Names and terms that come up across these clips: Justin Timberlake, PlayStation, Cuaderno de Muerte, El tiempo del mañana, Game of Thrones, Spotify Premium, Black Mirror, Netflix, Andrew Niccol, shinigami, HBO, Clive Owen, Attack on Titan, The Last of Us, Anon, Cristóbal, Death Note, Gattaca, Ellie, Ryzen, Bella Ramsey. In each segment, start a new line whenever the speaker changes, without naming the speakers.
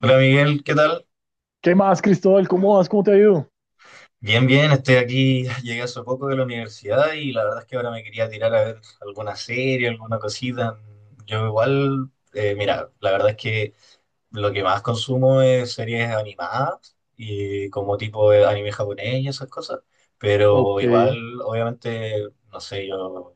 Hola Miguel, ¿qué tal?
¿Qué más, Cristóbal? ¿Cómo vas? ¿Cómo te ha ido?
Bien, bien, estoy aquí, llegué hace poco de la universidad y la verdad es que ahora me quería tirar a ver alguna serie, alguna cosita. Yo igual, mira, la verdad es que lo que más consumo es series animadas y como tipo de anime japonés y esas cosas, pero
Ok,
igual, obviamente, no sé, yo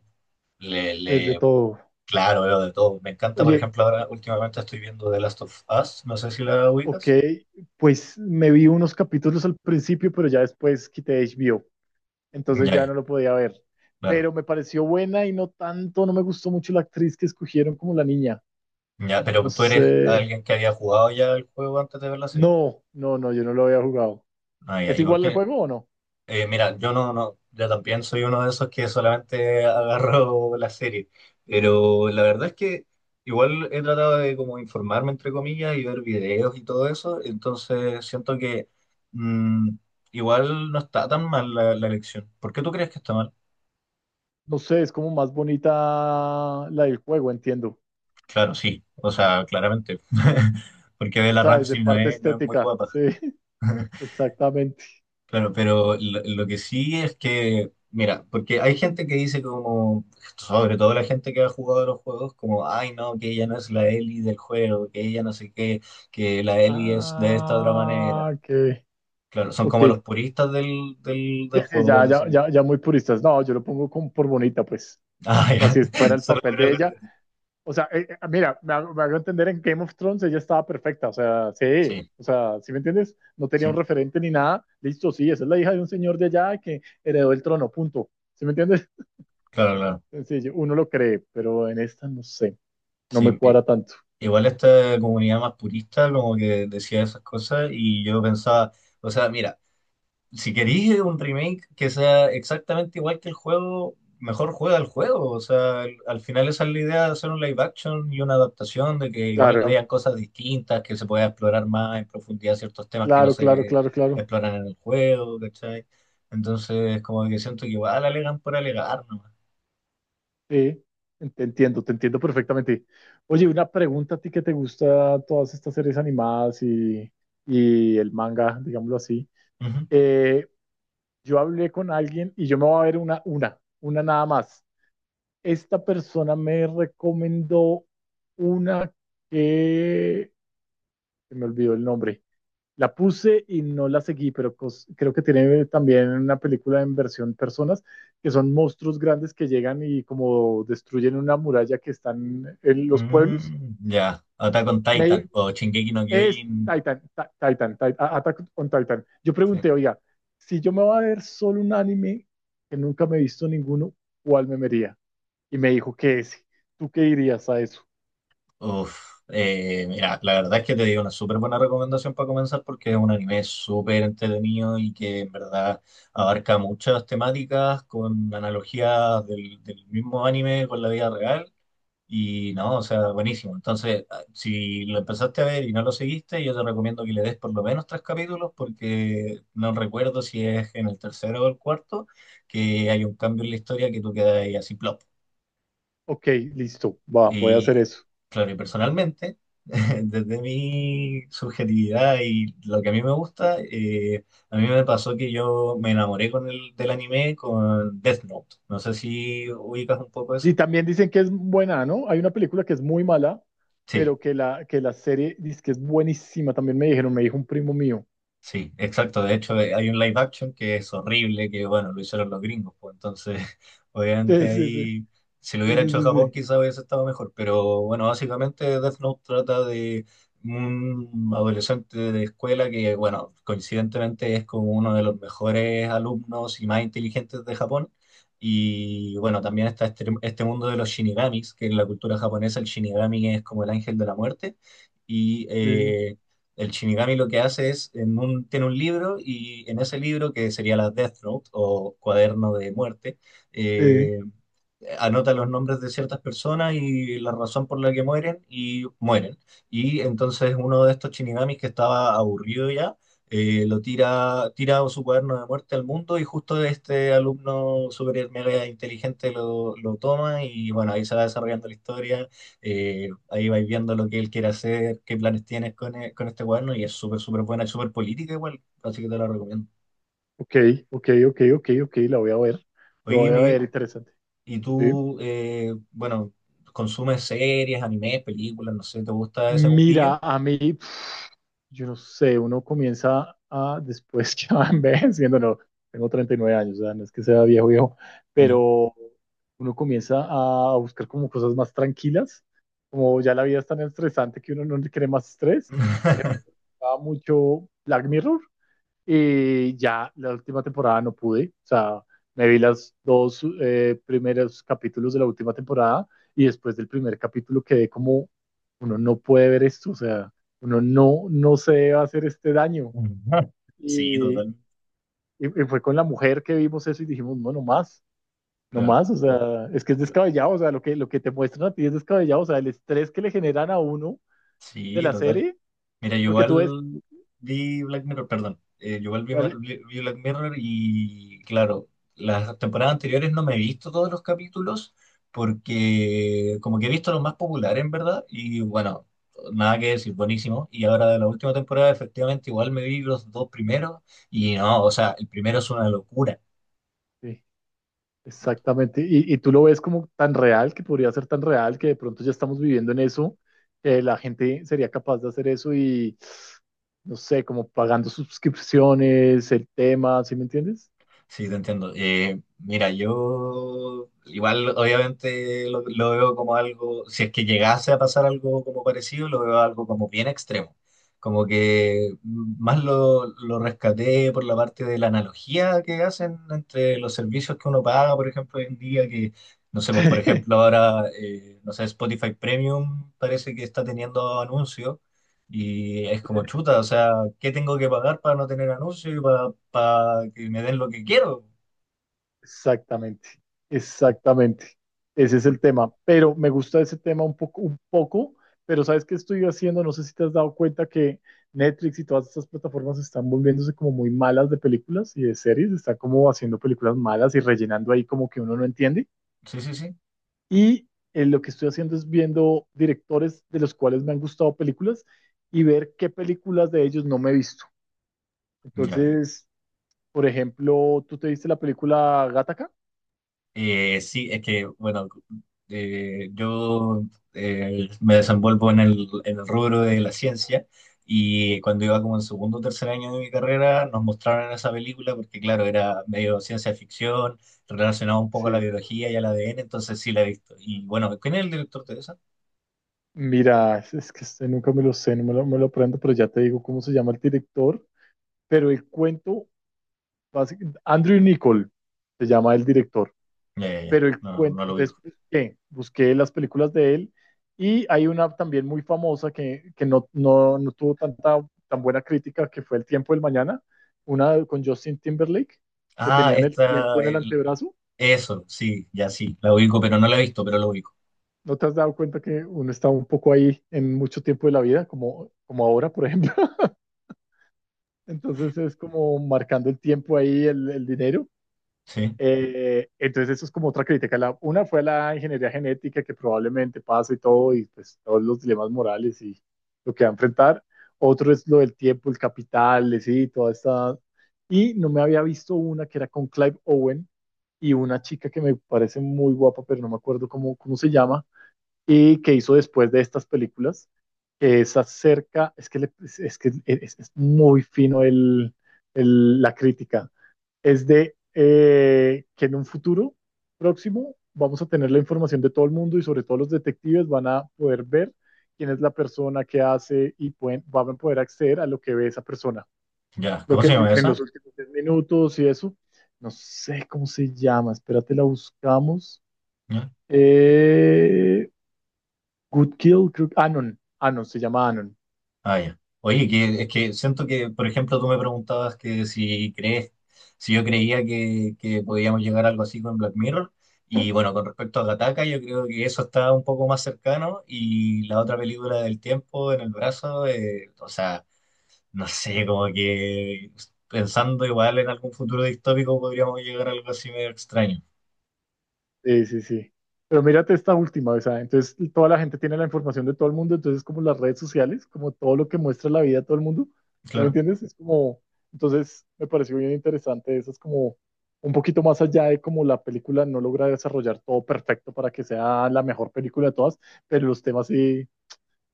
le,
desde
le,
todo.
claro, veo de todo. Me encanta, por
Oye,
ejemplo, ahora últimamente estoy viendo The Last of Us, no sé si la
ok,
ubicas.
pues me vi unos capítulos al principio, pero ya después quité HBO, entonces
Ya,
ya
ya,
no lo podía ver.
claro.
Pero me pareció buena y no tanto, no me gustó mucho la actriz que escogieron como la niña.
Ya,
No
pero tú eres
sé.
alguien que había jugado ya el juego antes de ver la serie.
No, no, no, yo no lo había jugado.
Ah, ya.
¿Es
¿Y por
igual el
qué?
juego o no?
Mira, yo no, yo también soy uno de esos que solamente agarro la serie. Pero la verdad es que igual he tratado de como informarme, entre comillas, y ver videos y todo eso. Entonces siento que mm, igual no está tan mal la elección. ¿Por qué tú crees que está mal?
No sé, es como más bonita la del juego, entiendo. O
Claro, sí. O sea, claramente. Porque Bella
sea, desde
Ramsey
parte
no es muy
estética,
guapa.
sí, exactamente.
Claro, pero lo que sí es que, mira, porque hay gente que dice como, sobre todo la gente que ha jugado a los juegos, como, ay no, que ella no es la Ellie del juego, que ella no sé qué, que la Ellie es de esta otra manera.
Ah, ok.
Claro, son
Ok.
como los puristas
Sí,
del
sí,
juego, por
ya, ya,
decirlo.
ya, ya muy puristas. No, yo lo pongo como por bonita, pues.
Ah,
O
ya.
sea, si fuera el
Solo
papel
por
de
algo
ella. O sea, mira, me hago entender en Game of Thrones, ella estaba perfecta. O sea, sí.
sí,
O sea, ¿sí me entiendes? No tenía un
sí,
referente ni nada. Listo, sí, esa es la hija de un señor de allá que heredó el trono, punto. ¿Sí me entiendes?
claro, claro.
Sencillo, uno lo cree, pero en esta no sé. No me
Sí,
cuadra tanto.
igual esta comunidad más purista como que decía esas cosas y yo pensaba, o sea, mira. Si queréis un remake que sea exactamente igual que el juego, mejor juega el juego. O sea, al final esa es la idea de hacer un live action y una adaptación, de que igual
Claro,
hayan cosas distintas, que se pueda explorar más en profundidad ciertos temas que no
claro, claro,
se
claro, claro.
exploran en el juego, ¿cachai? Entonces, como que siento que igual alegan por alegar nomás.
Sí, te entiendo perfectamente. Oye, una pregunta a ti que te gusta todas estas series animadas y el manga, digámoslo así.
Ujú.
Eh, yo hablé con alguien y yo me voy a ver una nada más. Esta persona me recomendó una que se me olvidó el nombre, la puse y no la seguí, pero creo que tiene también una película en versión personas, que son monstruos grandes que llegan y como destruyen una muralla que están en los pueblos.
Mm, ya, Attack on Titan
Me,
o Shingeki no
es
Kyojin.
Titan, Ta- Titan, Ti- A- Attack on Titan. Yo
Sí.
pregunté, oiga, si yo me voy a ver solo un anime que nunca me he visto ninguno, ¿cuál me vería? Y me dijo que ese. ¿Tú qué dirías a eso?
Uf, mira, la verdad es que te digo una súper buena recomendación para comenzar porque es un anime súper entretenido y que en verdad abarca muchas temáticas con analogías del mismo anime con la vida real y no, o sea, buenísimo. Entonces, ah, si lo empezaste a ver y no lo seguiste, yo te recomiendo que le des por lo menos tres capítulos porque no recuerdo si es en el tercero o el cuarto que hay un cambio en la historia que tú quedas ahí así, plop.
Ok, listo, va, voy a hacer
Y
eso.
claro, y personalmente, desde mi subjetividad y lo que a mí me gusta, a mí me pasó que yo me enamoré con del anime con Death Note. No sé si ubicas un poco
Y
eso.
también dicen que es buena, ¿no? Hay una película que es muy mala,
Sí.
pero que la serie dice que es buenísima. También me dijeron, me dijo un primo mío.
Sí, exacto. De hecho, hay un live action que es horrible, que bueno, lo hicieron los gringos, pues entonces,
Sí,
obviamente
sí, sí,
ahí, si lo hubiera
sí,
hecho
sí,
Japón,
sí.
quizá hubiese estado mejor. Pero bueno, básicamente Death Note trata de un adolescente de escuela que, bueno, coincidentemente es como uno de los mejores alumnos y más inteligentes de Japón. Y bueno, también está este mundo de los shinigamis, que en la cultura japonesa el shinigami es como el ángel de la muerte. Y
Sí,
el Shinigami lo que hace es, tiene un libro y en ese libro, que sería la Death Note o Cuaderno de Muerte,
sí. Sí.
eh, anota los nombres de ciertas personas y la razón por la que mueren y mueren. Y entonces uno de estos Shinigamis que estaba aburrido ya, lo tira su cuaderno de muerte al mundo y justo este alumno super mega inteligente lo toma y bueno, ahí se va desarrollando la historia, ahí vais viendo lo que él quiere hacer, qué planes tienes con, con este cuaderno y es súper buena, es súper política igual, así que te la recomiendo.
Ok, ok, ok, ok, ok, la voy a ver. Lo
Oye,
voy a ver,
Miguel.
interesante.
Y
Sí.
tú, bueno, consumes series, animes, películas, no sé, ¿te gusta ese mundillo?
Mira, a mí, yo no sé, uno comienza a, después que va envejeciendo, no, tengo 39 años, o sea, no es que sea viejo, viejo,
Ya.
pero uno comienza a buscar como cosas más tranquilas, como ya la vida es tan estresante que uno no le quiere más estrés, va mucho Black Mirror, y ya la última temporada no pude, o sea, me vi las dos primeros capítulos de la última temporada y después del primer capítulo quedé como, uno no puede ver esto, o sea, uno no, no se debe hacer este daño.
Sí,
Y,
total,
y fue con la mujer que vimos eso y dijimos, no, no más, no
claro.
más, o sea, es que es descabellado, o sea, lo que te muestran a ti es descabellado, o sea, el estrés que le generan a uno de
Sí,
la
total.
serie,
Mira, yo
porque tú ves,
igual vi Black Mirror, perdón. Yo igual
dale,
vi Black Mirror y, claro, las temporadas anteriores no me he visto todos los capítulos porque como que he visto los más populares, en verdad, y bueno, nada que decir, buenísimo. Y ahora de la última temporada, efectivamente, igual me vi los dos primeros y no, o sea, el primero es una locura.
sí, exactamente, y tú lo ves como tan real, que podría ser tan real, que de pronto ya estamos viviendo en eso, que la gente sería capaz de hacer eso y, no sé, como pagando suscripciones, el tema, ¿sí me entiendes?
Sí, te entiendo. Mira, yo igual obviamente lo veo como algo, si es que llegase a pasar algo como parecido, lo veo algo como bien extremo. Como que más lo rescaté por la parte de la analogía que hacen entre los servicios que uno paga, por ejemplo, hoy en día, que, no sé, pues por ejemplo ahora, no sé, Spotify Premium parece que está teniendo anuncios. Y es como chuta, o sea, ¿qué tengo que pagar para no tener anuncio y para que me den lo que quiero?
Exactamente, exactamente. Ese es el tema. Pero me gusta ese tema un poco, pero ¿sabes qué estoy haciendo? No sé si te has dado cuenta que Netflix y todas estas plataformas están volviéndose como muy malas de películas y de series, están como haciendo películas malas y rellenando ahí como que uno no entiende.
Sí, sí, sí.
Y lo que estoy haciendo es viendo directores de los cuales me han gustado películas y ver qué películas de ellos no me he visto.
Ya, y-
Entonces, por ejemplo, ¿tú te viste la película Gattaca?
sí, es que, bueno, yo me desenvuelvo en en el rubro de la ciencia y cuando iba como en segundo o tercer año de mi carrera nos mostraron esa película porque, claro, era medio ciencia ficción, relacionado un poco a la
Sí.
biología y al ADN entonces sí la he visto. Y bueno, ¿quién es el director de esa?
Mira, es que este nunca me lo sé, no me lo, me lo aprendo, pero ya te digo cómo se llama el director. Pero el cuento, Andrew Niccol se llama el director.
Ya, ya, ya,
Pero el
no,
cuento,
no lo vi.
entonces busqué las películas de él y hay una también muy famosa que, no tuvo tanta tan buena crítica que fue El tiempo del mañana, una con Justin Timberlake, que
Ah,
tenían el tiempo
esta,
en el antebrazo.
eso, sí, ya sí, la ubico, pero no la he visto, pero la ubico.
¿No te has dado cuenta que uno está un poco ahí en mucho tiempo de la vida, como, como ahora, por ejemplo? Entonces es como marcando el tiempo ahí, el dinero.
Sí,
Entonces eso es como otra crítica. Una fue la ingeniería genética que probablemente pasa y todo, y pues todos los dilemas morales y lo que va a enfrentar. Otro es lo del tiempo, el capital, sí, toda esta... Y no me había visto una que era con Clive Owen y una chica que me parece muy guapa, pero no me acuerdo cómo, cómo se llama, y que hizo después de estas películas, que es acerca, es que, le- es, que es muy fino la crítica, es de que en un futuro próximo vamos a tener la información de todo el mundo y sobre todo los detectives van a poder ver quién es la persona que hace y pueden, van a poder acceder a lo que ve esa persona.
ya.
Lo
¿Cómo
que
se llama
en los
esa?
últimos 10 minutos y eso, no sé cómo se llama, espérate, la buscamos.
¿Ya?
Eh, Good Kill, creo, Anon, se llama Anon.
Ah, ya. Oye, que, es que siento que, por ejemplo, tú me preguntabas que si crees, si yo creía que podíamos llegar a algo así con Black Mirror. Y bueno, con respecto a Gattaca, yo creo que eso está un poco más cercano. Y la otra película del tiempo en el brazo, o sea, no sé, como que pensando igual en algún futuro distópico podríamos llegar a algo así medio extraño.
Sí, sí, sí. Pero mírate esta última, o sea, entonces toda la gente tiene la información de todo el mundo, entonces como las redes sociales, como todo lo que muestra la vida de todo el mundo, ¿sí me
Claro.
entiendes? Es como, entonces me pareció bien interesante, eso es como un poquito más allá de como la película no logra desarrollar todo perfecto para que sea la mejor película de todas, pero los temas sí,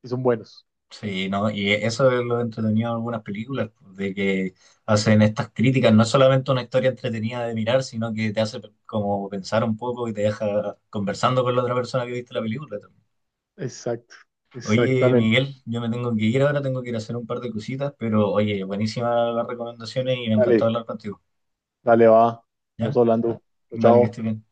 sí son buenos.
Sí, ¿no? Y eso es lo entretenido de algunas películas, pues, de que hacen estas críticas. No es solamente una historia entretenida de mirar, sino que te hace como pensar un poco y te deja conversando con la otra persona que viste la película también.
Exacto,
Oye,
exactamente.
Miguel, yo me tengo que ir ahora, tengo que ir a hacer un par de cositas, pero oye, buenísimas las recomendaciones y me encantó
Dale,
hablar contigo.
dale, va, vamos
¿Ya?
hablando. Chao,
Dale, que
chao.
estés bien.